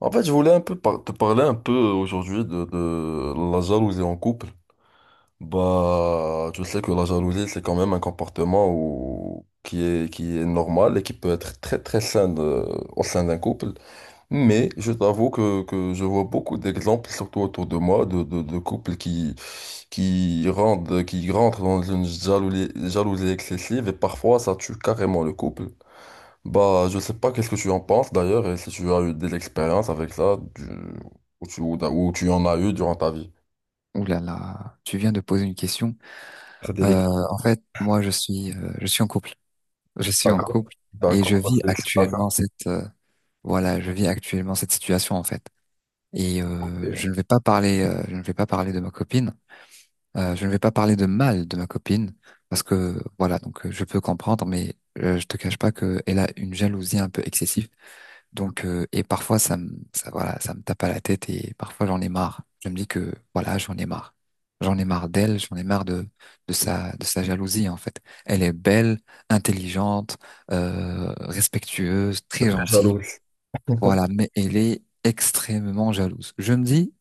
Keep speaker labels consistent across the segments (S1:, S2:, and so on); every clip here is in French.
S1: En fait, je voulais un peu te parler un peu aujourd'hui de la jalousie en couple. Je sais que la jalousie, c'est quand même un comportement qui est normal et qui peut être très très sain au sein d'un couple. Mais je t'avoue que je vois beaucoup d'exemples, surtout autour de moi, de couples qui, qui rentrent dans une jalousie excessive et parfois ça tue carrément le couple. Je sais pas qu'est-ce que tu en penses d'ailleurs et si tu as eu des expériences avec ça ou tu en as eu durant ta vie.
S2: Ouh là là, tu viens de poser une question.
S1: C'est
S2: Euh,
S1: délicat.
S2: moi, je suis en couple. Je suis en
S1: D'accord.
S2: couple et je
S1: D'accord, bah,
S2: vis
S1: c'est ça,
S2: actuellement je vis actuellement cette situation en fait. Je ne
S1: c'est-
S2: vais pas je ne vais pas parler de ma copine. Je ne vais pas parler de mal de ma copine parce que voilà, je peux comprendre, je te cache pas que elle a une jalousie un peu excessive et parfois, ça me tape à la tête et parfois j'en ai marre. Je me dis que, voilà, j'en ai marre. J'en ai marre d'elle, j'en ai marre de sa jalousie, en fait. Elle est belle, intelligente, respectueuse,
S1: c'est
S2: très
S1: très
S2: gentille.
S1: jaloux.
S2: Voilà, mais elle est extrêmement jalouse. Je me dis,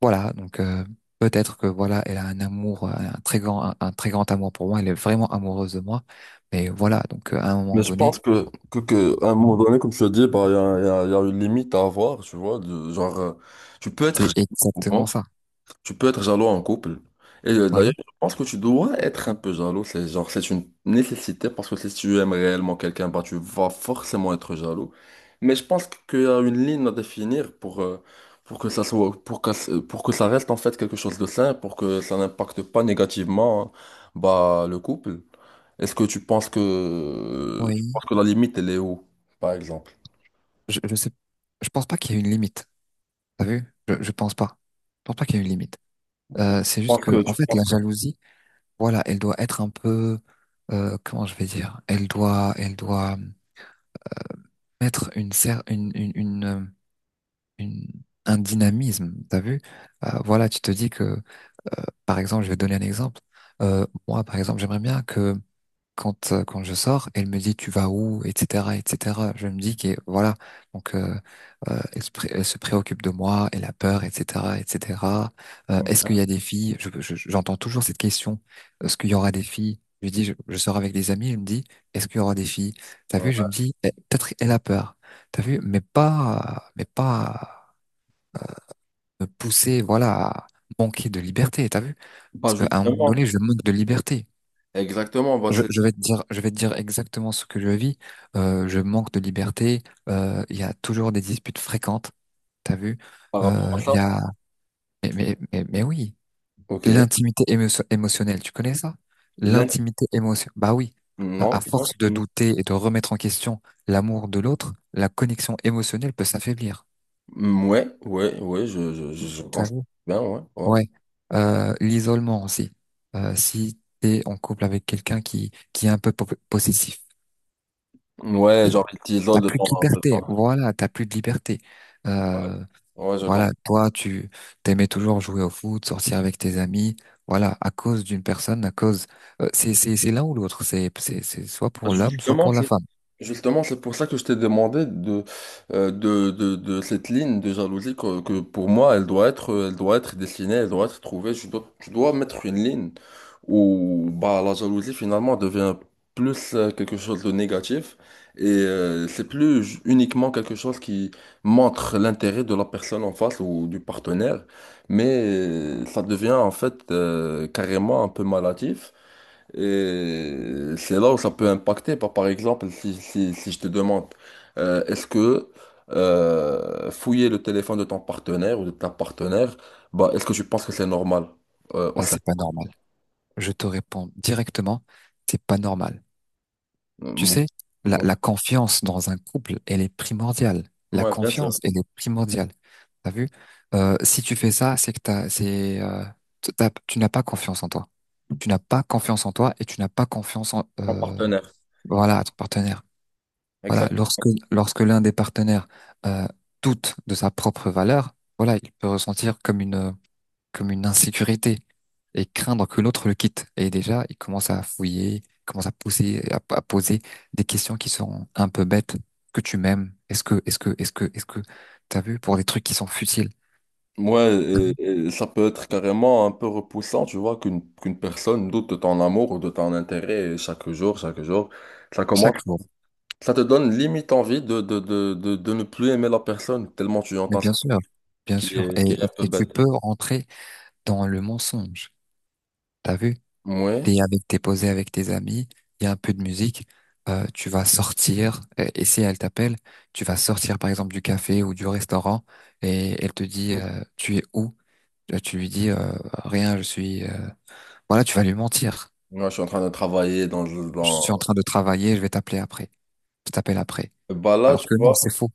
S2: voilà, donc, euh, peut-être que, voilà, elle a un amour, un très grand amour pour moi. Elle est vraiment amoureuse de moi. Mais voilà, à un moment
S1: Mais je
S2: donné,
S1: pense que, à un moment donné, comme tu as dit, bah, il y a une limite à avoir, tu vois. Genre, tu peux être
S2: c'est
S1: jaloux, hein.
S2: exactement ça.
S1: Tu peux être jaloux en couple. Et d'ailleurs,
S2: Oui.
S1: je pense que tu dois être un peu jaloux. C'est genre, c'est une nécessité parce que si tu aimes réellement quelqu'un, bah, tu vas forcément être jaloux. Mais je pense qu'il y a une ligne à définir pour que ça soit, pour que ça reste en fait quelque chose de sain, pour que ça n'impacte pas négativement, hein, bah, le couple. Est-ce que tu penses que, tu
S2: Oui.
S1: penses que la limite, elle est où, par exemple? Je
S2: Je sais, je pense pas qu'il y ait une limite. T'as vu? Je pense pas. Je pense pas qu'il y ait une limite. C'est juste
S1: pense
S2: que,
S1: que
S2: en
S1: tu
S2: fait, la
S1: penses
S2: jalousie, voilà, elle doit être un peu, comment je vais dire? Elle doit mettre une, cer- une- un dynamisme. T'as vu? Voilà, tu te dis que, par exemple, je vais donner un exemple. Moi, par exemple, j'aimerais bien que quand je sors, elle me dit tu vas où, etc., etc. Je me dis que voilà, donc euh, elle se préoccupe de moi, elle a peur, etc., etc. Est-ce qu'il y
S1: que-
S2: a des filles? J'entends toujours cette question. Est-ce qu'il y aura des filles? Je lui dis je sors avec des amis, elle me dit est-ce qu'il y aura des filles? T'as
S1: Ouais.
S2: vu? Je me dis eh, peut-être elle a peur. T'as vu? Mais pas me pousser voilà à manquer de liberté. T'as vu?
S1: Bah,
S2: Parce qu'à un moment donné
S1: justement,
S2: je manque de liberté.
S1: exactement, bah, c'est
S2: Je vais te dire, je vais te dire exactement ce que je vis. Je manque de liberté. Il y a toujours des disputes fréquentes. T'as vu?
S1: par rapport à
S2: Il y
S1: ça.
S2: a, mais oui,
S1: Ok.
S2: émotionnelle. Tu connais ça?
S1: L'in-
S2: L'intimité émotionnelle. Bah oui.
S1: Non.
S2: À force de douter et de remettre en question l'amour de l'autre, la connexion émotionnelle peut s'affaiblir.
S1: Mm, ouais, ouais, ouais, je
S2: T'as
S1: conçois
S2: vu?
S1: bien, ouais, ouais.
S2: Ouais. L'isolement aussi. Si t'es en couple avec quelqu'un qui est un peu possessif.
S1: Ouais, genre, il
S2: T'as
S1: t'isole de
S2: plus de
S1: temps en
S2: liberté,
S1: temps.
S2: voilà, t'as plus de liberté. Euh,
S1: Ouais, je comprends.
S2: voilà, toi, tu t'aimais toujours jouer au foot, sortir avec tes amis, voilà, à cause d'une personne, c'est l'un ou l'autre, c'est soit
S1: Bah,
S2: pour l'homme, soit
S1: justement,
S2: pour la
S1: c'est
S2: femme.
S1: justement, c'est pour ça que je t'ai demandé de, de cette ligne de jalousie que pour moi, elle doit être dessinée, elle doit être trouvée. Je dois, tu dois mettre une ligne où bah, la jalousie finalement devient plus quelque chose de négatif et c'est plus uniquement quelque chose qui montre l'intérêt de la personne en face ou du partenaire, mais ça devient en fait carrément un peu malatif. Et c'est là où ça peut impacter. Par, par exemple, si je te demande, est-ce que fouiller le téléphone de ton partenaire ou de ta partenaire, bah, est-ce que tu penses que c'est normal au
S2: Bah,
S1: sein
S2: c'est
S1: d'un
S2: pas
S1: couple?
S2: normal. Je te réponds directement, c'est pas normal. Tu
S1: Euh,
S2: sais,
S1: Ouais,
S2: la confiance dans un couple, elle est primordiale. La
S1: ouais, bien
S2: confiance,
S1: sûr.
S2: elle est primordiale. T'as vu? Si tu fais ça, c'est que t'as, c'est, t- t'as- tu n'as pas confiance en toi. Tu n'as pas confiance en toi et tu n'as pas confiance
S1: Ton partenaire.
S2: à ton partenaire. Voilà,
S1: Exact.
S2: lorsque l'un des partenaires euh, doute de sa propre valeur, voilà, il peut ressentir comme une insécurité et craindre que l'autre le quitte. Et déjà, il commence à fouiller, il commence à pousser, à poser des questions qui sont un peu bêtes. Que tu m'aimes? Est-ce que, t'as vu pour des trucs qui sont futiles.
S1: Ouais,
S2: Mhm.
S1: et ça peut être carrément un peu repoussant, tu vois, qu'une personne doute de ton amour ou de ton intérêt chaque jour, chaque jour. Ça commence,
S2: Chaque jour.
S1: ça te donne limite envie de, de ne plus aimer la personne, tellement tu
S2: Mais
S1: entends ça.
S2: bien sûr, bien
S1: Qui
S2: sûr.
S1: est, qui est un peu
S2: Et
S1: bête.
S2: tu peux rentrer dans le mensonge. T'as vu?
S1: Ouais,
S2: T'es posé avec tes amis, il y a un peu de musique, tu vas sortir, et si elle t'appelle, tu vas sortir par exemple du café ou du restaurant, et elle te dit, tu es où? Tu lui dis, rien, voilà, tu vas lui mentir.
S1: moi je suis en train de travailler dans,
S2: Je suis en
S1: dans...
S2: train de travailler, je vais t'appeler après. Je t'appelle après.
S1: Bah là,
S2: Alors
S1: tu
S2: que non,
S1: vois,
S2: c'est faux,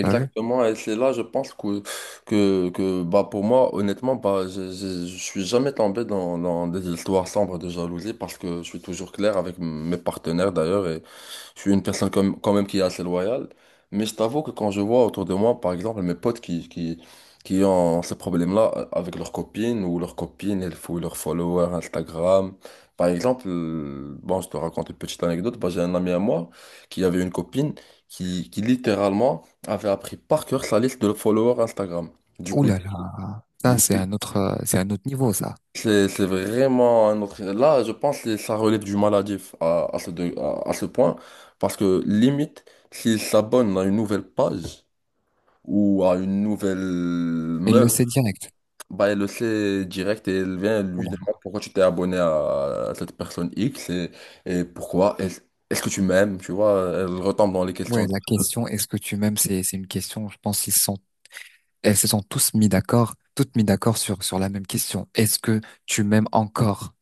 S2: t'as vu?
S1: et c'est là, je pense que bah, pour moi, honnêtement, bah, je suis jamais tombé dans, dans des histoires sombres de jalousie parce que je suis toujours clair avec mes partenaires d'ailleurs. Je suis une personne quand même qui est assez loyale, mais je t'avoue que quand je vois autour de moi, par exemple, mes potes qui ont ce problème-là avec leurs copines ou leurs copines, elles fouillent leurs followers Instagram. Par exemple, bon, je te raconte une petite anecdote. Bah, j'ai un ami à moi qui avait une copine qui littéralement avait appris par cœur sa liste de followers Instagram. Du
S2: Ouh
S1: coup,
S2: là là,
S1: du
S2: ça
S1: coup,
S2: c'est un c'est un autre niveau ça.
S1: c'est vraiment un autre... Là, je pense que ça relève du maladif à ce point, parce que limite, s'il s'abonne à une nouvelle page ou à une nouvelle
S2: Elle le
S1: meuf,
S2: sait direct.
S1: bah, elle le sait direct et elle vient elle
S2: Ouh
S1: lui
S2: là là.
S1: demander pourquoi tu t'es abonné à, cette personne X et pourquoi est-ce que tu m'aimes, tu vois, elle retombe dans les
S2: Ouais,
S1: questions.
S2: la question, est-ce que tu m'aimes, c'est une question, je pense, ils se sentent elles se sont tous mis d'accord, toutes mis d'accord sur la même question. Est-ce que tu m'aimes encore?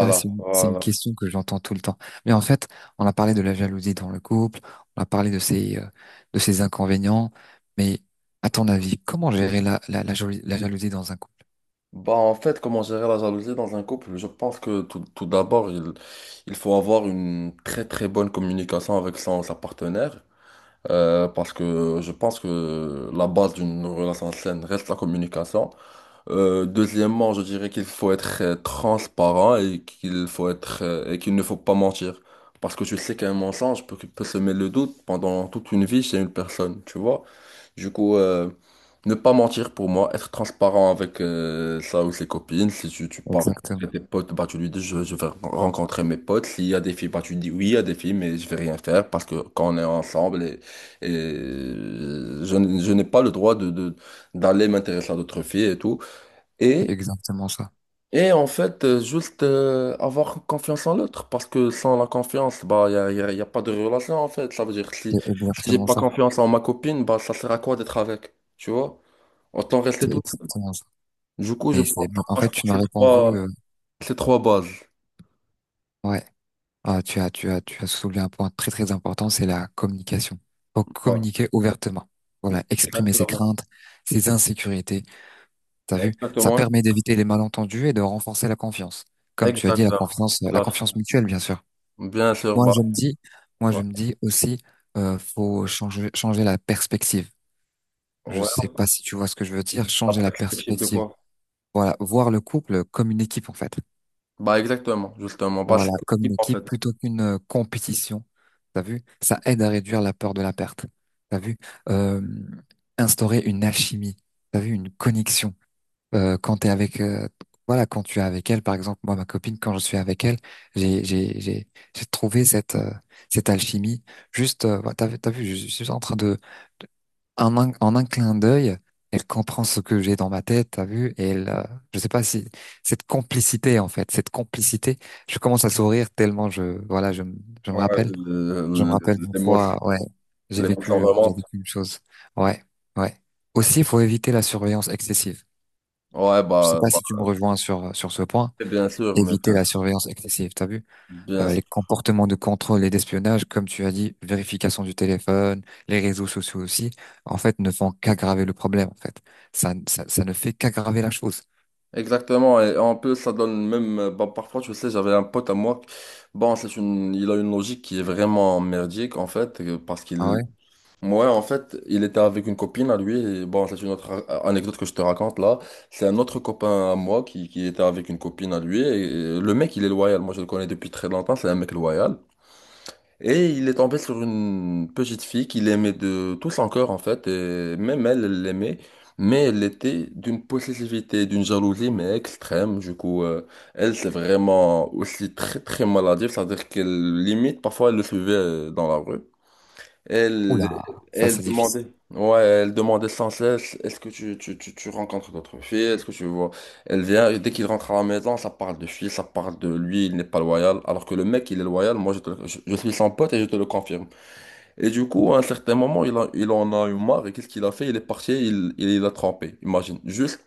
S2: Ça, c'est une
S1: voilà.
S2: question que j'entends tout le temps. Mais en fait, on a parlé de la jalousie dans le couple, on a parlé de de ses inconvénients, mais à ton avis, comment gérer la jalousie dans un couple?
S1: Bah, en fait, comment gérer la jalousie dans un couple? Je pense que tout d'abord, il faut avoir une très très bonne communication avec sa partenaire. Euh, parce que je pense que la base d'une relation saine reste la communication. Deuxièmement, je dirais qu'il faut être transparent et qu'il faut être et qu'il ne faut pas mentir. Parce que tu sais qu'un mensonge peut semer le doute pendant toute une vie chez une personne, tu vois. Du coup, ne pas mentir pour moi, être transparent avec sa ou ses copines. Si tu, tu pars
S2: Exactement.
S1: avec tes potes, bah tu lui dis je vais rencontrer mes potes. S'il y a des filles, bah tu dis oui, il y a des filles, mais je vais rien faire parce que quand on est ensemble et je n'ai pas le droit d'aller m'intéresser à d'autres filles et tout.
S2: C'est
S1: Et,
S2: exactement ça.
S1: et en fait, juste avoir confiance en l'autre, parce que sans la confiance, bah, y a pas de relation en fait. Ça veut dire que si,
S2: C'est
S1: si j'ai
S2: exactement
S1: pas
S2: ça.
S1: confiance en ma copine, bah, ça sert à quoi d'être avec? Tu vois? Autant rester
S2: C'est
S1: tout seul.
S2: exactement ça.
S1: Du coup, je
S2: Mais,
S1: pense
S2: c'est-
S1: que ça
S2: mais en fait,
S1: passe par
S2: tu m'as répondu,
S1: ces trois bases.
S2: ouais. Ah, tu as soulevé un point très très important, c'est la communication. Donc
S1: Voilà.
S2: communiquer ouvertement. Voilà, exprimer ses
S1: Exactement.
S2: craintes, ses insécurités. T'as vu? Ça
S1: Exactement.
S2: permet d'éviter les malentendus et de renforcer la confiance. Comme tu as dit,
S1: Exactement. Tout
S2: la
S1: à fait.
S2: confiance mutuelle, bien sûr.
S1: Bien sûr,
S2: Moi,
S1: bah,
S2: je me dis, moi, je
S1: ouais,
S2: me dis aussi, faut changer la perspective. Je
S1: ouais,
S2: sais pas si tu vois ce que je veux dire,
S1: on
S2: changer
S1: a pas
S2: la
S1: ce de
S2: perspective.
S1: quoi.
S2: Voilà, voir le couple comme une équipe, en fait.
S1: Bah, exactement, justement. Bah, c'est
S2: Voilà, comme
S1: ce
S2: une
S1: en fait.
S2: équipe plutôt qu'une compétition. T'as vu? Ça aide à réduire la peur de la perte. T'as vu? Euh, Instaurer une alchimie. T'as vu? Une connexion. Euh, quand t'es avec, euh, voilà, quand tu es avec elle, par exemple, moi, ma copine, quand je suis avec elle, j'ai, j'ai, j'ai, j'ai trouvé cette alchimie. Juste, t'as vu, je suis en train de, en un clin d'œil, elle comprend ce que j'ai dans ma tête, t'as vu? Et je sais pas si cette complicité, je commence à sourire tellement je me
S1: Ouais,
S2: rappelle, je me rappelle d'une
S1: l'émotion,
S2: fois, ouais,
S1: l'émotion
S2: j'ai
S1: vraiment.
S2: vécu une chose, ouais, ouais. Aussi, il faut éviter la surveillance excessive.
S1: Ouais,
S2: Je sais
S1: bah,
S2: pas si tu me
S1: bah,
S2: rejoins sur ce point,
S1: bien sûr, mais
S2: éviter
S1: bien
S2: la
S1: sûr,
S2: surveillance excessive, t'as vu?
S1: bien
S2: Les
S1: sûr.
S2: comportements de contrôle et d'espionnage, comme tu as dit, vérification du téléphone, les réseaux sociaux aussi, en fait, ne font qu'aggraver le problème, en fait. Ça ne fait qu'aggraver la chose.
S1: Exactement, et en plus, ça donne même, bah, parfois, tu sais, j'avais un pote à moi, bon, il a une logique qui est vraiment merdique, en fait, parce
S2: Ah
S1: qu'il,
S2: ouais?
S1: moi, en fait, il était avec une copine à lui, et bon, c'est une autre anecdote que je te raconte là, c'est un autre copain à moi qui était avec une copine à lui, et, le mec, il est loyal, moi, je le connais depuis très longtemps, c'est un mec loyal. Et il est tombé sur une petite fille qu'il aimait de tout son cœur, en fait, et même elle, elle l'aimait, mais elle était d'une possessivité, d'une jalousie, mais extrême. Du coup, elle, c'est vraiment aussi très, très maladive, c'est-à-dire qu'elle limite, parfois, elle le suivait dans la rue. Elle,
S2: Oula, ça
S1: elle
S2: c'est difficile.
S1: demandait, ouais, elle demandait sans cesse, est-ce que tu rencontres d'autres filles, est-ce que tu vois. Elle vient, et dès qu'il rentre à la maison, ça parle de filles, ça parle de lui, il n'est pas loyal. Alors que le mec, il est loyal, moi, je suis son pote et je te le confirme. Et du coup, à un certain moment, il en a eu marre, et qu'est-ce qu'il a fait? Il est parti, l'a trompé, imagine. Juste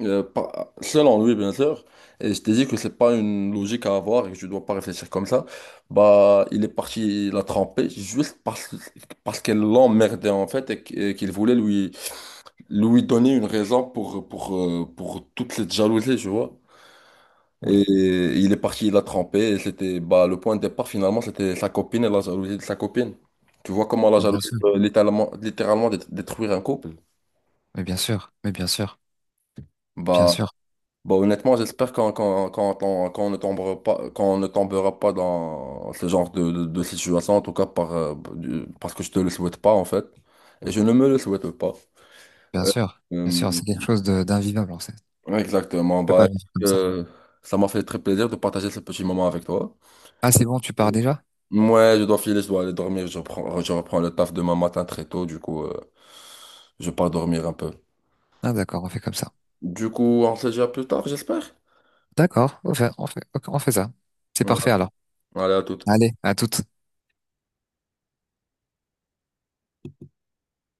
S1: selon lui, bien sûr, et je t'ai dit que c'est pas une logique à avoir et que je dois pas réfléchir comme ça, bah, il est parti la tremper juste parce qu'elle l'emmerdait en fait et qu'il voulait lui donner une raison pour toute cette jalousie, tu vois.
S2: Oula,
S1: Et il est parti la tremper et c'était, bah, le point de départ finalement, c'était sa copine et la jalousie de sa copine. Tu vois comment la
S2: mais bien
S1: jalousie
S2: sûr,
S1: peut littéralement, littéralement détruire un couple?
S2: mais bien sûr, mais bien sûr, bien
S1: Bah,
S2: sûr,
S1: bon, honnêtement, j'espère qu'on ne tombera pas, qu'on ne tombera pas dans ce genre de situation, en tout cas par, parce que je te le souhaite pas, en fait. Et je ne me le souhaite pas.
S2: bien sûr, bien
S1: Euh,
S2: sûr, c'est quelque chose de d'invivable, en fait. Je
S1: exactement.
S2: peux
S1: Bah,
S2: pas vivre comme ça.
S1: euh, ça m'a fait très plaisir de partager ce petit moment avec toi.
S2: Ah, c'est bon, tu pars déjà?
S1: Ouais je dois filer, je dois aller dormir. Je reprends le taf demain matin très tôt, du coup, je pars dormir un peu.
S2: Ah, d'accord, on fait comme ça.
S1: Du coup, on se dit à plus tard, j'espère.
S2: D'accord, on fait ça. C'est
S1: Voilà.
S2: parfait alors.
S1: Allez, à toute.
S2: Allez, à toute.